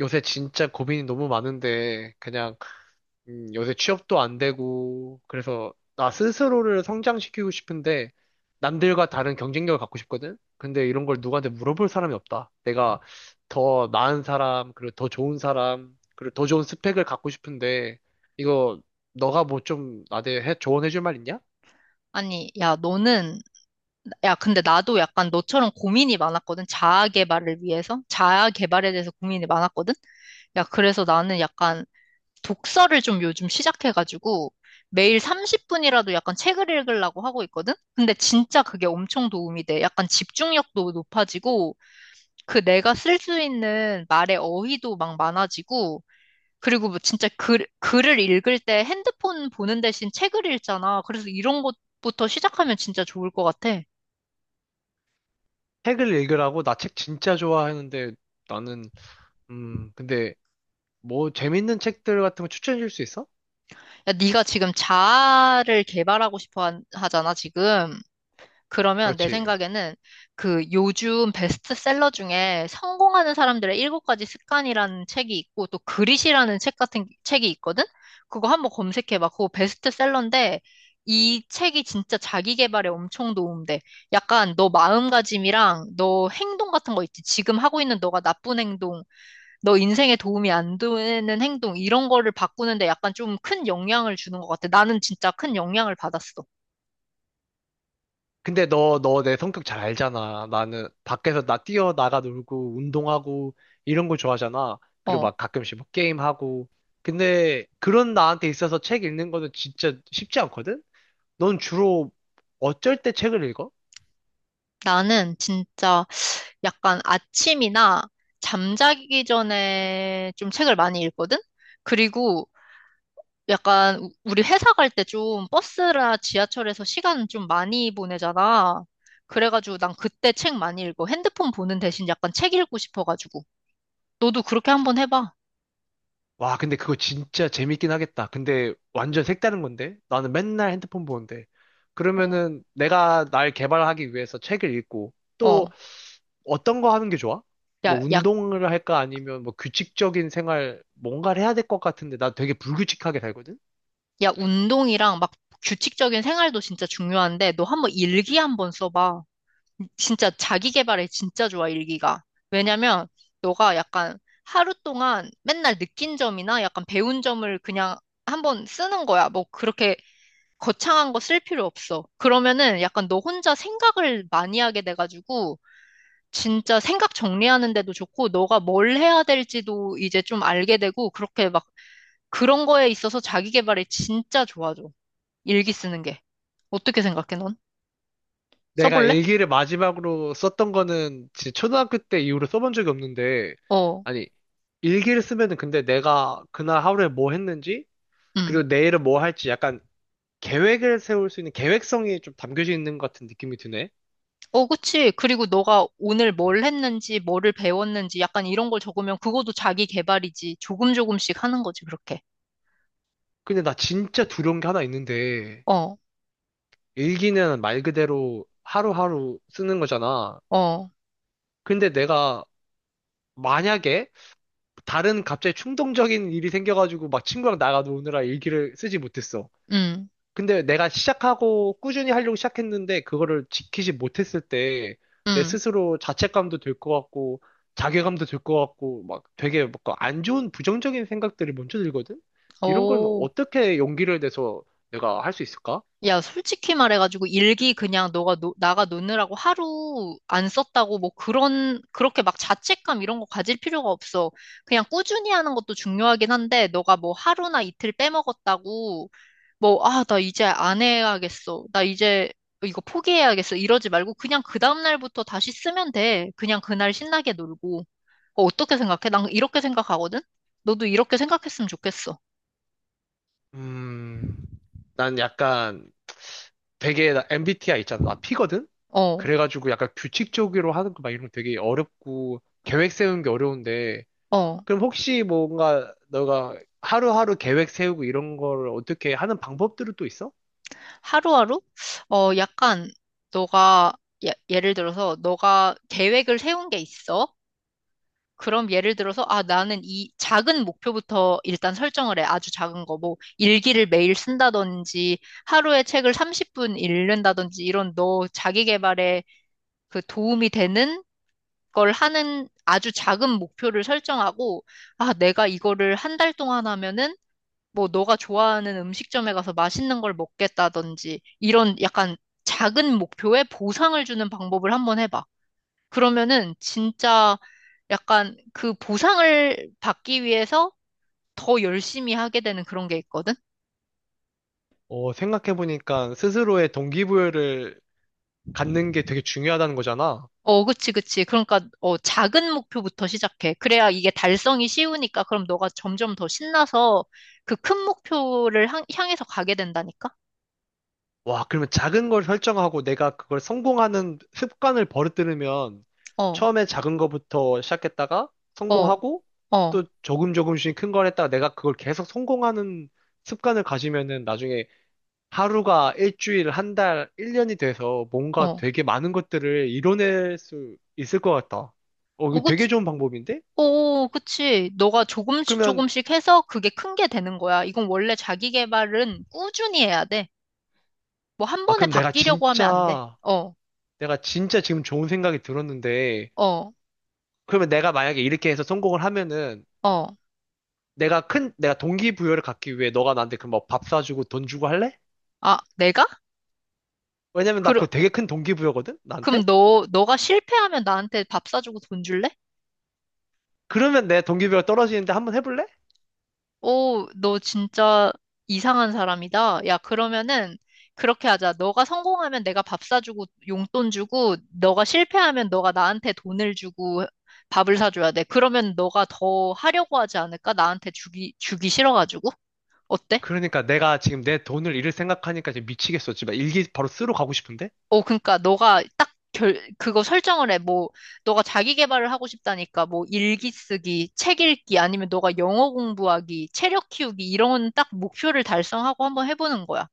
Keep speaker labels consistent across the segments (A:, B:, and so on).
A: 요새 진짜 고민이 너무 많은데, 그냥, 요새 취업도 안 되고, 그래서 나 스스로를 성장시키고 싶은데, 남들과 다른 경쟁력을 갖고 싶거든? 근데 이런 걸 누구한테 물어볼 사람이 없다. 내가 더 나은 사람, 그리고 더 좋은 사람, 그리고 더 좋은 스펙을 갖고 싶은데, 이거, 너가 뭐 좀 나한테 조언해줄 말 있냐?
B: 아니, 야, 너는, 야, 근데 나도 약간 너처럼 고민이 많았거든. 자아 개발을 위해서? 자아 개발에 대해서 고민이 많았거든? 야, 그래서 나는 약간 독서를 좀 요즘 시작해가지고 매일 30분이라도 약간 책을 읽으려고 하고 있거든? 근데 진짜 그게 엄청 도움이 돼. 약간 집중력도 높아지고 그 내가 쓸 수 있는 말의 어휘도 막 많아지고, 그리고 뭐 진짜 글을 읽을 때 핸드폰 보는 대신 책을 읽잖아. 그래서 이런 것부터 시작하면 진짜 좋을 것 같아.
A: 책을 읽으라고, 나 책 진짜 좋아하는데, 나는, 근데, 뭐, 재밌는 책들 같은 거 추천해줄 수 있어?
B: 야, 네가 지금 자아를 개발하고 싶어 하잖아, 지금. 그러면 내
A: 그렇지.
B: 생각에는 그 요즘 베스트셀러 중에 성공하는 사람들의 일곱 가지 습관이라는 책이 있고 또 그릿이라는 책 같은 책이 있거든? 그거 한번 검색해봐. 그거 베스트셀러인데 이 책이 진짜 자기 개발에 엄청 도움돼. 약간 너 마음가짐이랑 너 행동 같은 거 있지. 지금 하고 있는 너가 나쁜 행동, 너 인생에 도움이 안 되는 행동 이런 거를 바꾸는데 약간 좀 큰 영향을 주는 것 같아. 나는 진짜 큰 영향을 받았어.
A: 근데 너, 너 내 성격 잘 알잖아. 나는 밖에서 나 뛰어나가 놀고, 운동하고, 이런 거 좋아하잖아. 그리고
B: 어.
A: 막 가끔씩 막 게임하고. 근데 그런 나한테 있어서 책 읽는 거는 진짜 쉽지 않거든? 넌 주로 어쩔 때 책을 읽어?
B: 나는 진짜 약간 아침이나 잠자기 전에 좀 책을 많이 읽거든? 그리고 약간 우리 회사 갈 때 좀 버스나 지하철에서 시간 좀 많이 보내잖아. 그래가지고 난 그때 책 많이 읽어. 핸드폰 보는 대신 약간 책 읽고 싶어가지고. 너도 그렇게 한번 해봐.
A: 와, 근데 그거 진짜 재밌긴 하겠다. 근데 완전 색다른 건데? 나는 맨날 핸드폰 보는데.
B: 어,
A: 그러면은 내가 날 개발하기 위해서 책을 읽고
B: 어.
A: 또 어떤 거 하는 게 좋아? 뭐
B: 야, 야,
A: 운동을 할까? 아니면 뭐 규칙적인 생활, 뭔가를 해야 될 것 같은데 나 되게 불규칙하게 살거든?
B: 야, 운동이랑 막 규칙적인 생활도 진짜 중요한데 너 한번 일기 한번 써봐. 진짜 자기 개발에 진짜 좋아, 일기가. 왜냐면 너가 약간 하루 동안 맨날 느낀 점이나 약간 배운 점을 그냥 한번 쓰는 거야. 뭐 그렇게 거창한 거 쓸 필요 없어. 그러면은 약간 너 혼자 생각을 많이 하게 돼가지고 진짜 생각 정리하는 데도 좋고 너가 뭘 해야 될지도 이제 좀 알게 되고 그렇게 막 그런 거에 있어서 자기 개발에 진짜 좋아져. 일기 쓰는 게. 어떻게 생각해, 넌?
A: 내가
B: 써볼래?
A: 일기를 마지막으로 썼던 거는 진짜 초등학교 때 이후로 써본 적이 없는데,
B: 어.
A: 아니, 일기를 쓰면은 근데 내가 그날 하루에 뭐 했는지,
B: 음.
A: 그리고 내일은 뭐 할지 약간 계획을 세울 수 있는 계획성이 좀 담겨져 있는 것 같은 느낌이 드네.
B: 어, 그치. 그리고 너가 오늘 뭘 했는지, 뭐를 배웠는지, 약간 이런 걸 적으면 그것도 자기 개발이지. 조금 조금씩 하는 거지, 그렇게.
A: 근데 나 진짜 두려운 게 하나 있는데,
B: 어,
A: 일기는 말 그대로 하루하루 쓰는 거잖아.
B: 어,
A: 근데 내가 만약에 다른 갑자기 충동적인 일이 생겨가지고 막 친구랑 나가 노느라 일기를 쓰지 못했어.
B: 음,
A: 근데 내가 시작하고 꾸준히 하려고 시작했는데 그거를 지키지 못했을 때 내
B: 음,
A: 스스로 자책감도 들 것 같고 자괴감도 들 것 같고 막 되게 막안 좋은 부정적인 생각들이 먼저 들거든? 이런 건
B: 오.
A: 어떻게 용기를 내서 내가 할 수 있을까?
B: 야, 솔직히 말해가지고 일기 그냥 나가 놓느라고 하루 안 썼다고 뭐 그런, 그렇게 막 자책감 이런 거 가질 필요가 없어. 그냥 꾸준히 하는 것도 중요하긴 한데, 너가 뭐 하루나 이틀 빼먹었다고 뭐, 아, 나 이제 안 해야겠어. 나 이제 이거 포기해야겠어. 이러지 말고 그냥 그 다음날부터 다시 쓰면 돼. 그냥 그날 신나게 놀고. 어, 어떻게 생각해? 난 이렇게 생각하거든? 너도 이렇게 생각했으면 좋겠어.
A: 음, 난 약간 되게 나 MBTI 있잖아. 나 P거든?
B: 어,
A: 그래가지고 약간 규칙적으로 하는 거 막 이런 거 되게 어렵고 계획 세우는 게 어려운데
B: 어.
A: 그럼 혹시 뭔가 너가 하루하루 계획 세우고 이런 거를 어떻게 하는 방법들은 또 있어?
B: 하루하루? 어, 약간 너가, 예, 예를 들어서 너가 계획을 세운 게 있어. 그럼 예를 들어서, 아, 나는 이 작은 목표부터 일단 설정을 해. 아주 작은 거. 뭐, 일기를 매일 쓴다든지, 하루에 책을 30분 읽는다든지, 이런 너 자기 개발에 그 도움이 되는 걸 하는 아주 작은 목표를 설정하고, 아, 내가 이거를 한 달 동안 하면은, 뭐, 너가 좋아하는 음식점에 가서 맛있는 걸 먹겠다든지, 이런 약간 작은 목표에 보상을 주는 방법을 한번 해봐. 그러면은 진짜 약간 그 보상을 받기 위해서 더 열심히 하게 되는 그런 게 있거든?
A: 어, 생각해보니까 스스로의 동기부여를 갖는 게 되게 중요하다는 거잖아.
B: 어, 그치, 그치. 그러니까, 어, 작은 목표부터 시작해. 그래야 이게 달성이 쉬우니까 그럼 너가 점점 더 신나서 그 큰 목표를 향해서 가게 된다니까?
A: 와, 그러면 작은 걸 설정하고 내가 그걸 성공하는 습관을 버릇들으면
B: 어,
A: 처음에 작은 거부터 시작했다가
B: 어,
A: 성공하고
B: 어,
A: 또 조금 조금씩 큰 걸 했다가 내가 그걸 계속 성공하는 습관을 가지면은 나중에 하루가 일주일, 한 달, 1년이 돼서 뭔가
B: 어.
A: 되게 많은 것들을 이뤄낼 수 있을 것 같다. 어,
B: 어,
A: 이거 되게
B: 그치.
A: 좋은 방법인데?
B: 오, 그치. 너가 조금씩
A: 그러면,
B: 조금씩 해서 그게 큰 게 되는 거야. 이건 원래 자기 개발은 꾸준히 해야 돼. 뭐 한
A: 아,
B: 번에
A: 그럼
B: 바뀌려고 하면 안 돼. 어,
A: 내가 진짜 지금 좋은 생각이 들었는데,
B: 어.
A: 그러면 내가 만약에 이렇게 해서 성공을 하면은,
B: 어.
A: 내가 큰, 내가 동기부여를 갖기 위해 너가 나한테 그럼 뭐밥 사주고 돈 주고 할래?
B: 아, 내가?
A: 왜냐면 나
B: 그럼,
A: 그거 되게 큰 동기부여거든?
B: 그럼
A: 나한테?
B: 너가 실패하면 나한테 밥 사주고 돈 줄래?
A: 그러면 내 동기부여가 떨어지는데 한번 해볼래?
B: 오, 너 진짜 이상한 사람이다. 야, 그러면은 그렇게 하자. 너가 성공하면 내가 밥 사주고 용돈 주고, 너가 실패하면 너가 나한테 돈을 주고 밥을 사줘야 돼. 그러면 너가 더 하려고 하지 않을까? 나한테 주기 싫어가지고. 어때?
A: 그러니까 내가 지금 내 돈을 잃을 생각하니까 지금 미치겠어. 지금 막 일기 바로 쓰러 가고 싶은데?
B: 어, 그러니까 너가 딱 그거 설정을 해. 뭐, 너가 자기 개발을 하고 싶다니까, 뭐, 일기 쓰기, 책 읽기, 아니면 너가 영어 공부하기, 체력 키우기, 이런 딱 목표를 달성하고 한번 해보는 거야.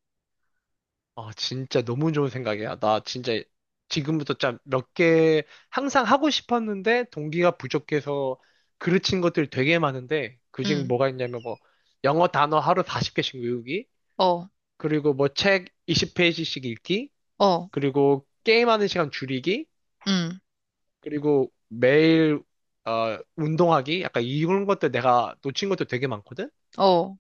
A: 아, 진짜 너무 좋은 생각이야. 나 진짜 지금부터 짠 몇 개 항상 하고 싶었는데 동기가 부족해서 그르친 것들 되게 많은데 그중에
B: 응,
A: 뭐가 있냐면 뭐 영어 단어 하루 40개씩 외우기,
B: 어,
A: 그리고 뭐 책 20페이지씩 읽기,
B: 어,
A: 그리고 게임하는 시간 줄이기,
B: 응,
A: 그리고 매일 어, 운동하기, 약간 이런 것들 내가 놓친 것도 되게 많거든?
B: 어,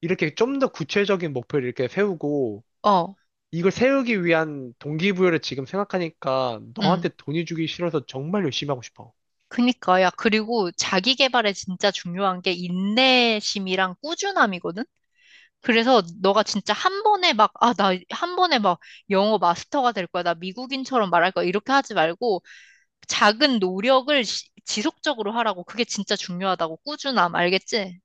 A: 이렇게 좀 더 구체적인 목표를 이렇게 세우고
B: 어,
A: 이걸 세우기 위한 동기부여를 지금 생각하니까
B: 응.
A: 너한테 돈이 주기 싫어서 정말 열심히 하고 싶어.
B: 그니까, 야, 그리고 자기 개발에 진짜 중요한 게 인내심이랑 꾸준함이거든? 그래서 너가 진짜 한 번에 막, 아, 나 한 번에 막 영어 마스터가 될 거야. 나 미국인처럼 말할 거야. 이렇게 하지 말고, 작은 노력을 지속적으로 하라고. 그게 진짜 중요하다고. 꾸준함, 알겠지?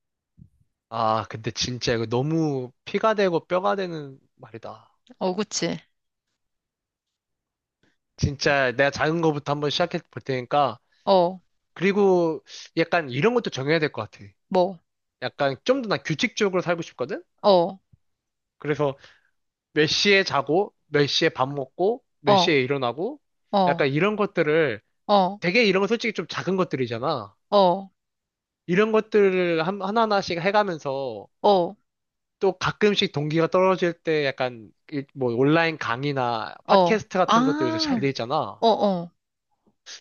A: 아, 근데 진짜 이거 너무 피가 되고 뼈가 되는 말이다.
B: 어, 그치.
A: 진짜 내가 작은 거부터 한번 시작해 볼 테니까.
B: 어,
A: 그리고 약간 이런 것도 정해야 될 것 같아.
B: 뭐,
A: 약간 좀 더 난 규칙적으로 살고 싶거든?
B: 어,
A: 그래서 몇 시에 자고, 몇 시에 밥 먹고, 몇
B: 어,
A: 시에 일어나고,
B: 어,
A: 약간 이런 것들을
B: 어,
A: 되게 이런 건 솔직히 좀 작은 것들이잖아.
B: 어,
A: 이런 것들을 하나하나씩 해가면서
B: 어,
A: 또 가끔씩 동기가 떨어질 때 약간 뭐 온라인 강의나
B: 어.
A: 팟캐스트 같은 것들 요새 잘
B: 아,
A: 돼 있잖아.
B: 어, 어,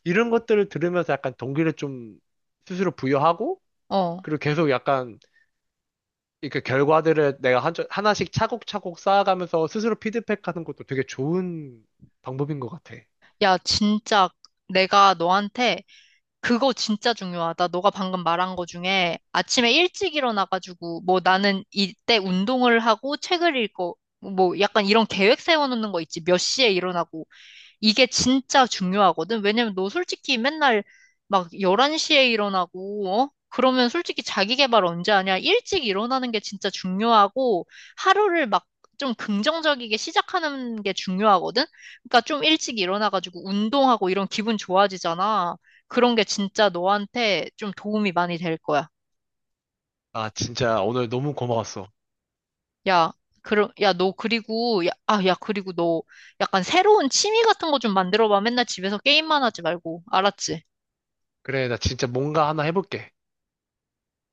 A: 이런 것들을 들으면서 약간 동기를 좀 스스로 부여하고
B: 어.
A: 그리고 계속 약간 이렇게 결과들을 내가 하나씩 차곡차곡 쌓아가면서 스스로 피드백하는 것도 되게 좋은 방법인 것 같아.
B: 야, 진짜 내가 너한테 그거 진짜 중요하다. 너가 방금 말한 거 중에 아침에 일찍 일어나가지고 뭐 나는 이때 운동을 하고 책을 읽고 뭐 약간 이런 계획 세워놓는 거 있지. 몇 시에 일어나고 이게 진짜 중요하거든. 왜냐면 너 솔직히 맨날 막 11시에 일어나고, 어? 그러면 솔직히 자기 개발 언제 하냐? 일찍 일어나는 게 진짜 중요하고, 하루를 막 좀 긍정적이게 시작하는 게 중요하거든? 그러니까 좀 일찍 일어나가지고 운동하고 이런 기분 좋아지잖아. 그런 게 진짜 너한테 좀 도움이 많이 될 거야.
A: 아, 진짜 오늘 너무 고마웠어.
B: 야, 그럼, 야, 너 그리고, 야, 아, 야, 그리고 너 약간 새로운 취미 같은 거 좀 만들어봐. 맨날 집에서 게임만 하지 말고. 알았지?
A: 그래, 나 진짜 뭔가 하나 해볼게.